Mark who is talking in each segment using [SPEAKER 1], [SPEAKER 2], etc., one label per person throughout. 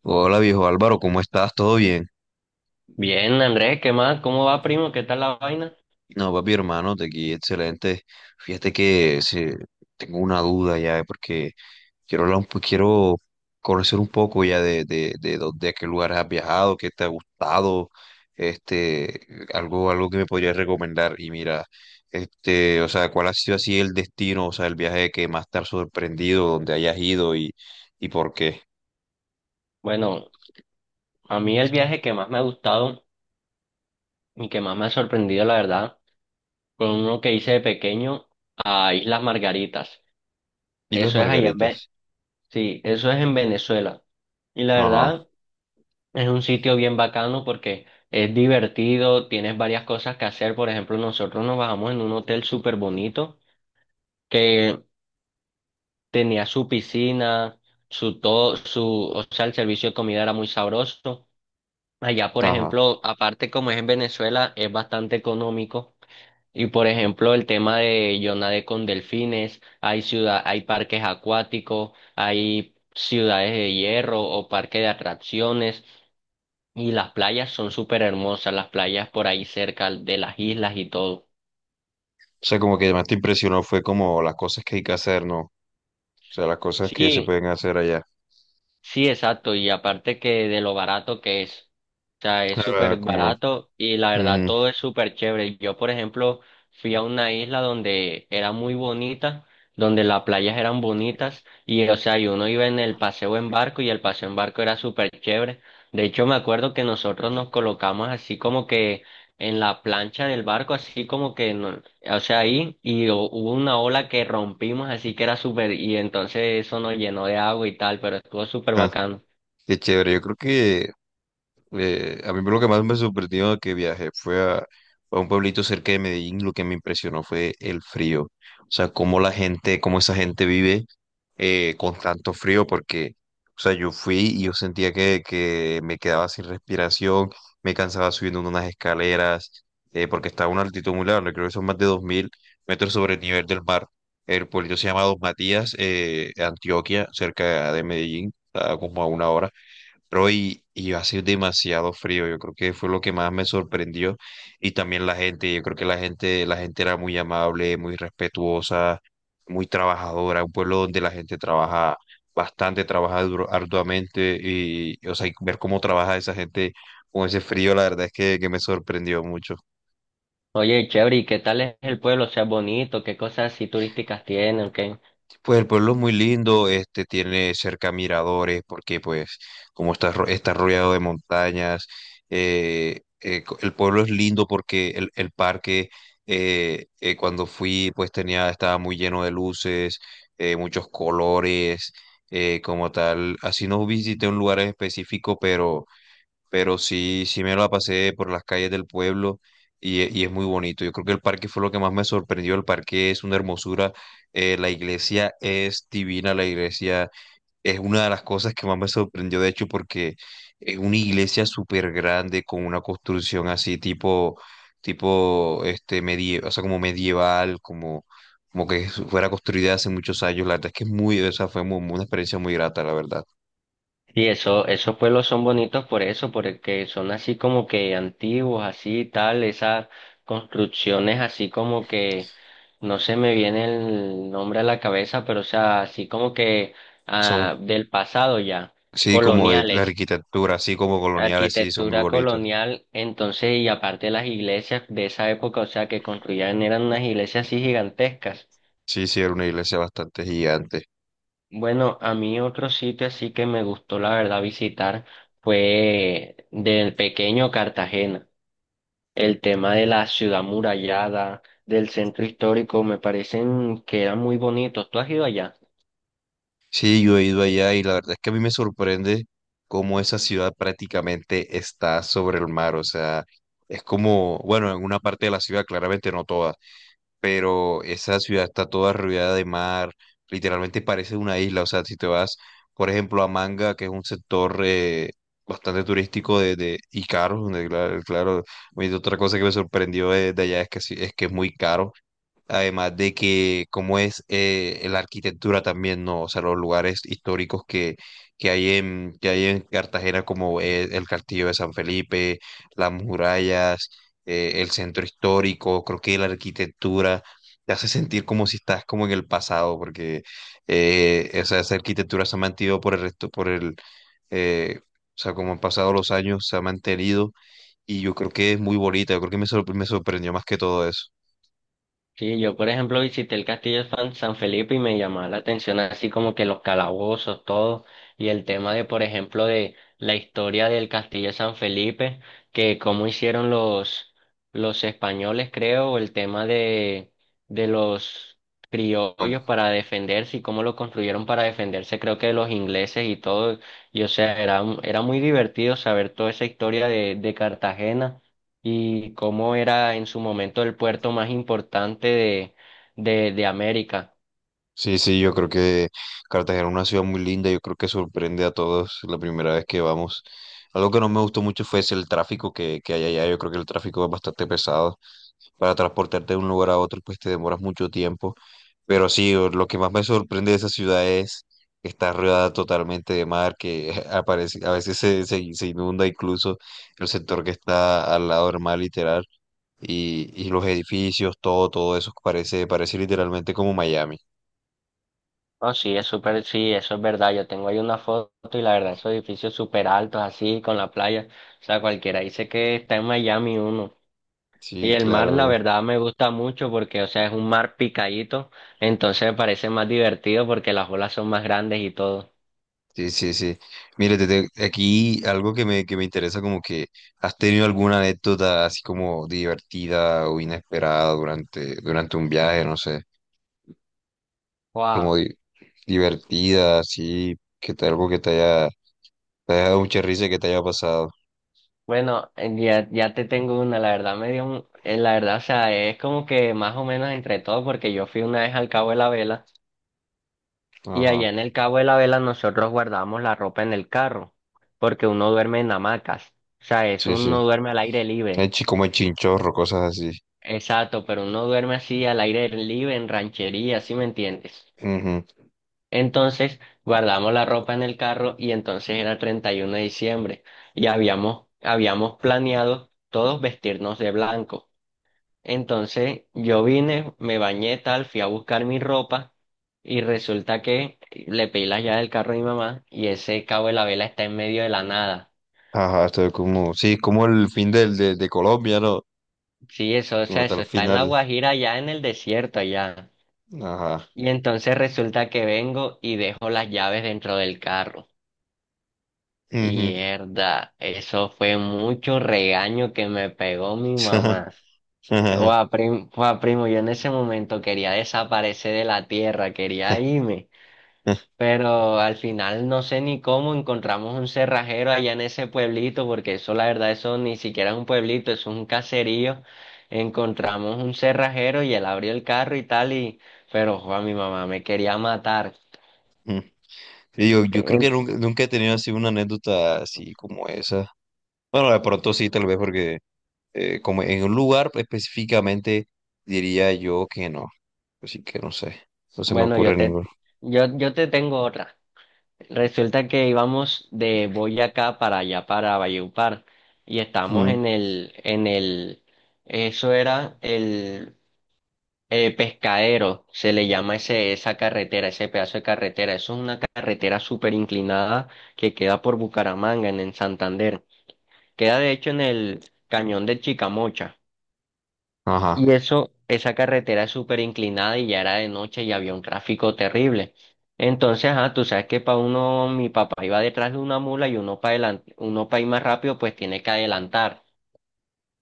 [SPEAKER 1] Hola viejo Álvaro, ¿cómo estás? ¿Todo bien?
[SPEAKER 2] Bien, Andrés, ¿qué más? ¿Cómo va, primo? ¿Qué tal la vaina?
[SPEAKER 1] No, papi hermano, de aquí excelente. Fíjate que tengo una duda ya, porque quiero hablar quiero conocer un poco ya a qué lugares has viajado, qué te ha gustado, este, algo que me podrías recomendar. Y mira, o sea, ¿cuál ha sido así el destino, o sea, el viaje que más te ha sorprendido, donde hayas ido y por qué?
[SPEAKER 2] Bueno, a mí el viaje que más me ha gustado y que más me ha sorprendido, la verdad, fue uno que hice de pequeño a Islas Margaritas.
[SPEAKER 1] Y las
[SPEAKER 2] Eso es allá en Ve-
[SPEAKER 1] margaritas.
[SPEAKER 2] Sí, eso es en Venezuela. Y la
[SPEAKER 1] Ajá,
[SPEAKER 2] verdad, es un sitio bien bacano porque es divertido, tienes varias cosas que hacer. Por ejemplo, nosotros nos bajamos en un hotel súper bonito que tenía su piscina, su todo, su, o sea, el servicio de comida era muy sabroso. Allá, por
[SPEAKER 1] ajá.
[SPEAKER 2] ejemplo, aparte como es en Venezuela, es bastante económico. Y por ejemplo, el tema de yo nadé con delfines, hay ciudad, hay parques acuáticos, hay ciudades de hierro o parques de atracciones, y las playas son súper hermosas, las playas por ahí cerca de las islas y todo.
[SPEAKER 1] O sea, como que más te impresionó fue como las cosas que hay que hacer, ¿no? O sea, las cosas que se
[SPEAKER 2] Sí,
[SPEAKER 1] pueden hacer allá.
[SPEAKER 2] sí, exacto, y aparte que de lo barato que es, o sea, es
[SPEAKER 1] Ah,
[SPEAKER 2] súper
[SPEAKER 1] como,
[SPEAKER 2] barato y la verdad
[SPEAKER 1] ujú,
[SPEAKER 2] todo es súper chévere. Yo, por ejemplo, fui a una isla donde era muy bonita, donde las playas eran bonitas y, o sea, y uno iba en el paseo en barco y el paseo en barco era súper chévere. De hecho, me acuerdo que nosotros nos colocamos así como que en la plancha del barco, así como que no- o sea, ahí y hubo una ola que rompimos, así que era súper, y entonces eso nos llenó de agua y tal, pero estuvo súper
[SPEAKER 1] ajá,
[SPEAKER 2] bacano.
[SPEAKER 1] qué chévere. Yo creo que a mí lo que más me sorprendió que viajé a un pueblito cerca de Medellín. Lo que me impresionó fue el frío. O sea, cómo la gente, cómo esa gente vive. Eh, con tanto frío porque, o sea, yo fui y yo sentía que me quedaba sin respiración, me cansaba subiendo unas escaleras, porque estaba a una altitud muy larga, creo que son más de 2000 metros sobre el nivel del mar. El pueblo se llama Dos Matías, Antioquia, cerca de Medellín, está como a una hora. Pero y hace demasiado frío, yo creo que fue lo que más me sorprendió. Y también la gente, yo creo que la gente era muy amable, muy respetuosa, muy trabajadora, un pueblo donde la gente trabaja bastante, arduamente y, o sea, y ver cómo trabaja esa gente con ese frío, la verdad es que me sorprendió mucho.
[SPEAKER 2] Oye, chévere, ¿y qué tal es el pueblo? O sea, bonito, ¿qué cosas así turísticas tienen? ¿Qué?
[SPEAKER 1] Pues el pueblo es muy lindo, este tiene cerca miradores, porque pues como está, está rodeado de montañas, el pueblo es lindo porque el parque cuando fui pues estaba muy lleno de luces, muchos colores, como tal. Así no visité un lugar en específico, pero sí, sí me la pasé por las calles del pueblo y, y es muy bonito. Yo creo que el parque fue lo que más me sorprendió. El parque es una hermosura, la iglesia es divina, la iglesia es una de las cosas que más me sorprendió, de hecho, porque es una iglesia súper grande con una construcción así tipo medieval, o sea, como medieval, como... Como que fuera construida hace muchos años, la verdad es que es muy, o sea, una experiencia muy grata, la verdad
[SPEAKER 2] Sí, eso, esos pueblos son bonitos por eso, porque son así como que antiguos, así tal, esas construcciones así como que, no se me viene el nombre a la cabeza, pero o sea, así como que
[SPEAKER 1] son.
[SPEAKER 2] ah, del pasado ya,
[SPEAKER 1] Sí, como de la
[SPEAKER 2] coloniales.
[SPEAKER 1] arquitectura, así como coloniales, sí, son muy
[SPEAKER 2] Arquitectura
[SPEAKER 1] bonitos.
[SPEAKER 2] colonial, entonces, y aparte las iglesias de esa época, o sea, que construían eran unas iglesias así gigantescas.
[SPEAKER 1] Sí, sí, era una iglesia bastante gigante.
[SPEAKER 2] Bueno, a mí otro sitio así que me gustó, la verdad, visitar fue del pequeño Cartagena. El tema de la ciudad murallada, del centro histórico, me parecen que eran muy bonitos. ¿Tú has ido allá?
[SPEAKER 1] Sí, yo he ido allá y la verdad es que a mí me sorprende cómo esa ciudad prácticamente está sobre el mar. O sea, es como, bueno, en una parte de la ciudad, claramente no toda. Pero esa ciudad está toda rodeada de mar, literalmente parece una isla, o sea, si te vas, por ejemplo, a Manga, que es un sector bastante turístico y caro, donde, claro, oye, otra cosa que me sorprendió de allá es que, es que es muy caro. Además de que, como es la arquitectura también, ¿no? O sea, los lugares históricos que, que hay en Cartagena, como es el Castillo de San Felipe, las murallas, el centro histórico, creo que la arquitectura te hace sentir como si estás como en el pasado, porque esa arquitectura se ha mantenido por el resto, por el, o sea, como han pasado los años, se ha mantenido y yo creo que es muy bonita, yo creo que me sorprendió más que todo eso.
[SPEAKER 2] Sí, yo por ejemplo visité el castillo de San Felipe y me llamaba la atención así como que los calabozos, todo, y el tema de por ejemplo de la historia del castillo de San Felipe, que cómo hicieron los españoles creo, o el tema de los criollos para defenderse y cómo lo construyeron para defenderse creo que de los ingleses y todo, y o sea, era, era muy divertido saber toda esa historia de Cartagena y cómo era en su momento el puerto más importante de América.
[SPEAKER 1] Sí, sí, yo creo que Cartagena es una ciudad muy linda, yo creo que sorprende a todos la primera vez que vamos. Algo que no me gustó mucho fue ese, el tráfico que hay allá, yo creo que el tráfico es bastante pesado. Para transportarte de un lugar a otro, pues te demoras mucho tiempo. Pero sí, lo que más me sorprende de esa ciudad es que está rodeada totalmente de mar, que aparece, a veces se inunda incluso el sector que está al lado del mar, literal. Y los edificios, todo, todo eso parece, parece literalmente como Miami.
[SPEAKER 2] Oh, sí, es súper, sí, eso es verdad. Yo tengo ahí una foto y la verdad, esos edificios súper altos, así, con la playa. O sea, cualquiera dice que está en Miami uno. Y
[SPEAKER 1] Sí,
[SPEAKER 2] el mar, la
[SPEAKER 1] claro.
[SPEAKER 2] verdad, me gusta mucho porque, o sea, es un mar picadito, entonces me parece más divertido porque las olas son más grandes y todo.
[SPEAKER 1] Sí, sí, sí. Mire, aquí algo que que me interesa, como que has tenido alguna anécdota así como divertida o inesperada durante, durante un viaje, no sé, como
[SPEAKER 2] Guau,
[SPEAKER 1] di- divertida, así, que te, algo que te haya dado mucha risa y que te haya pasado.
[SPEAKER 2] bueno, ya te tengo una, la verdad me dio la verdad, o sea, es como que más o menos entre todo, porque yo fui una vez al Cabo de la Vela, y allá
[SPEAKER 1] Ajá,
[SPEAKER 2] en el Cabo de la Vela nosotros guardamos la ropa en el carro, porque uno duerme en hamacas, o sea, eso
[SPEAKER 1] sí, sí.
[SPEAKER 2] uno duerme al aire libre,
[SPEAKER 1] Como el chinchorro, cosas así.
[SPEAKER 2] exacto, pero uno duerme así al aire libre, en ranchería, ¿sí me entiendes?
[SPEAKER 1] Ujú.
[SPEAKER 2] Entonces, guardamos la ropa en el carro, y entonces era 31 de diciembre, y habíamos planeado todos vestirnos de blanco. Entonces yo vine, me bañé tal, fui a buscar mi ropa y resulta que le pedí las llaves del carro a mi mamá y ese cabo de la vela está en medio de la nada.
[SPEAKER 1] Ajá, estoy como, sí, como el fin del, de Colombia, ¿no?
[SPEAKER 2] Sí, eso, o
[SPEAKER 1] Como
[SPEAKER 2] sea,
[SPEAKER 1] hasta
[SPEAKER 2] eso
[SPEAKER 1] el
[SPEAKER 2] está en la
[SPEAKER 1] final.
[SPEAKER 2] Guajira, allá en el desierto, allá.
[SPEAKER 1] Ajá.
[SPEAKER 2] Y entonces resulta que vengo y dejo las llaves dentro del carro. Y
[SPEAKER 1] Ujú.
[SPEAKER 2] mierda, eso fue mucho regaño que me pegó mi mamá.
[SPEAKER 1] Ajá.
[SPEAKER 2] Guau, primo, yo en ese momento quería desaparecer de la tierra, quería irme. Pero al final no sé ni cómo encontramos un cerrajero allá en ese pueblito, porque eso la verdad, eso ni siquiera es un pueblito, eso es un caserío. Encontramos un cerrajero y él abrió el carro y tal, y pero jo, a mi mamá me quería matar.
[SPEAKER 1] Mm. Sí, yo creo
[SPEAKER 2] Eh,
[SPEAKER 1] que nunca, nunca he tenido así una anécdota así como esa. Bueno, de pronto sí, tal vez porque como en un lugar específicamente diría yo que no. Así que no sé, no se me
[SPEAKER 2] Bueno,
[SPEAKER 1] ocurre ninguno.
[SPEAKER 2] yo te tengo otra. Resulta que íbamos de Boyacá para allá, para Valledupar, y estábamos
[SPEAKER 1] Mm.
[SPEAKER 2] en el, eso era el Pescadero, se le llama ese, esa carretera, ese pedazo de carretera. Eso es una carretera súper inclinada que queda por Bucaramanga, en Santander. Queda de hecho en el cañón de Chicamocha.
[SPEAKER 1] Ajá,
[SPEAKER 2] Y eso, esa carretera es súper inclinada y ya era de noche y había un tráfico terrible. Entonces, ah, tú sabes que para uno, mi papá iba detrás de una mula y uno para adelante, uno para ir más rápido, pues tiene que adelantar.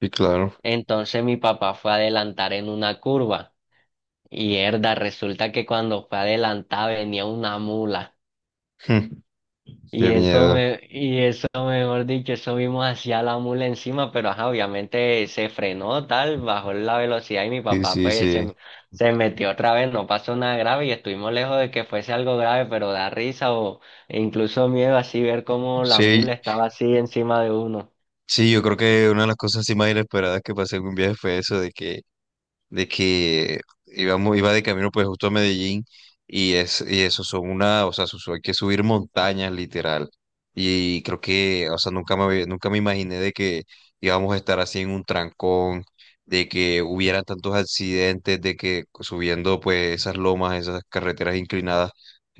[SPEAKER 1] sí, claro.
[SPEAKER 2] Entonces mi papá fue a adelantar en una curva. Y herda, resulta que cuando fue adelantada venía una mula.
[SPEAKER 1] Mm.
[SPEAKER 2] Y
[SPEAKER 1] Qué
[SPEAKER 2] eso
[SPEAKER 1] miedo.
[SPEAKER 2] me, y eso mejor dicho, eso vimos hacia la mula encima, pero ajá, obviamente se frenó tal, bajó la velocidad y mi
[SPEAKER 1] Sí,
[SPEAKER 2] papá
[SPEAKER 1] sí,
[SPEAKER 2] pues
[SPEAKER 1] sí.
[SPEAKER 2] se metió otra vez, no pasó nada grave y estuvimos lejos de que fuese algo grave, pero da risa o e incluso miedo así ver cómo la mula
[SPEAKER 1] Sí,
[SPEAKER 2] estaba así encima de uno.
[SPEAKER 1] sí, yo creo que una de las cosas así más inesperadas que pasé en un viaje fue eso de que de que íbamos, iba de camino pues justo a Medellín y, y eso son una, o sea, hay que subir montañas literal. Y creo que, o sea, nunca me imaginé de que íbamos a estar así en un trancón, de que hubiera tantos accidentes, de que subiendo pues esas lomas, esas carreteras inclinadas,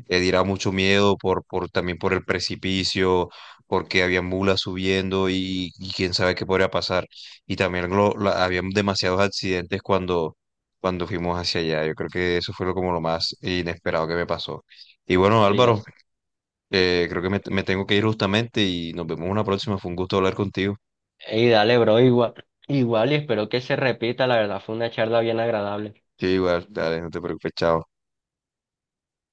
[SPEAKER 1] diera mucho miedo también por el precipicio, porque había mulas subiendo y quién sabe qué podría pasar. Y también había demasiados accidentes cuando, cuando fuimos hacia allá. Yo creo que eso fue lo, como lo más inesperado que me pasó. Y bueno,
[SPEAKER 2] Sí,
[SPEAKER 1] Álvaro,
[SPEAKER 2] así.
[SPEAKER 1] creo que me tengo que ir justamente y nos vemos una próxima. Fue un gusto hablar contigo.
[SPEAKER 2] Y dale, bro, igual, igual y espero que se repita, la verdad fue una charla bien agradable.
[SPEAKER 1] Sí, igual, dale, no te preocupes, chao.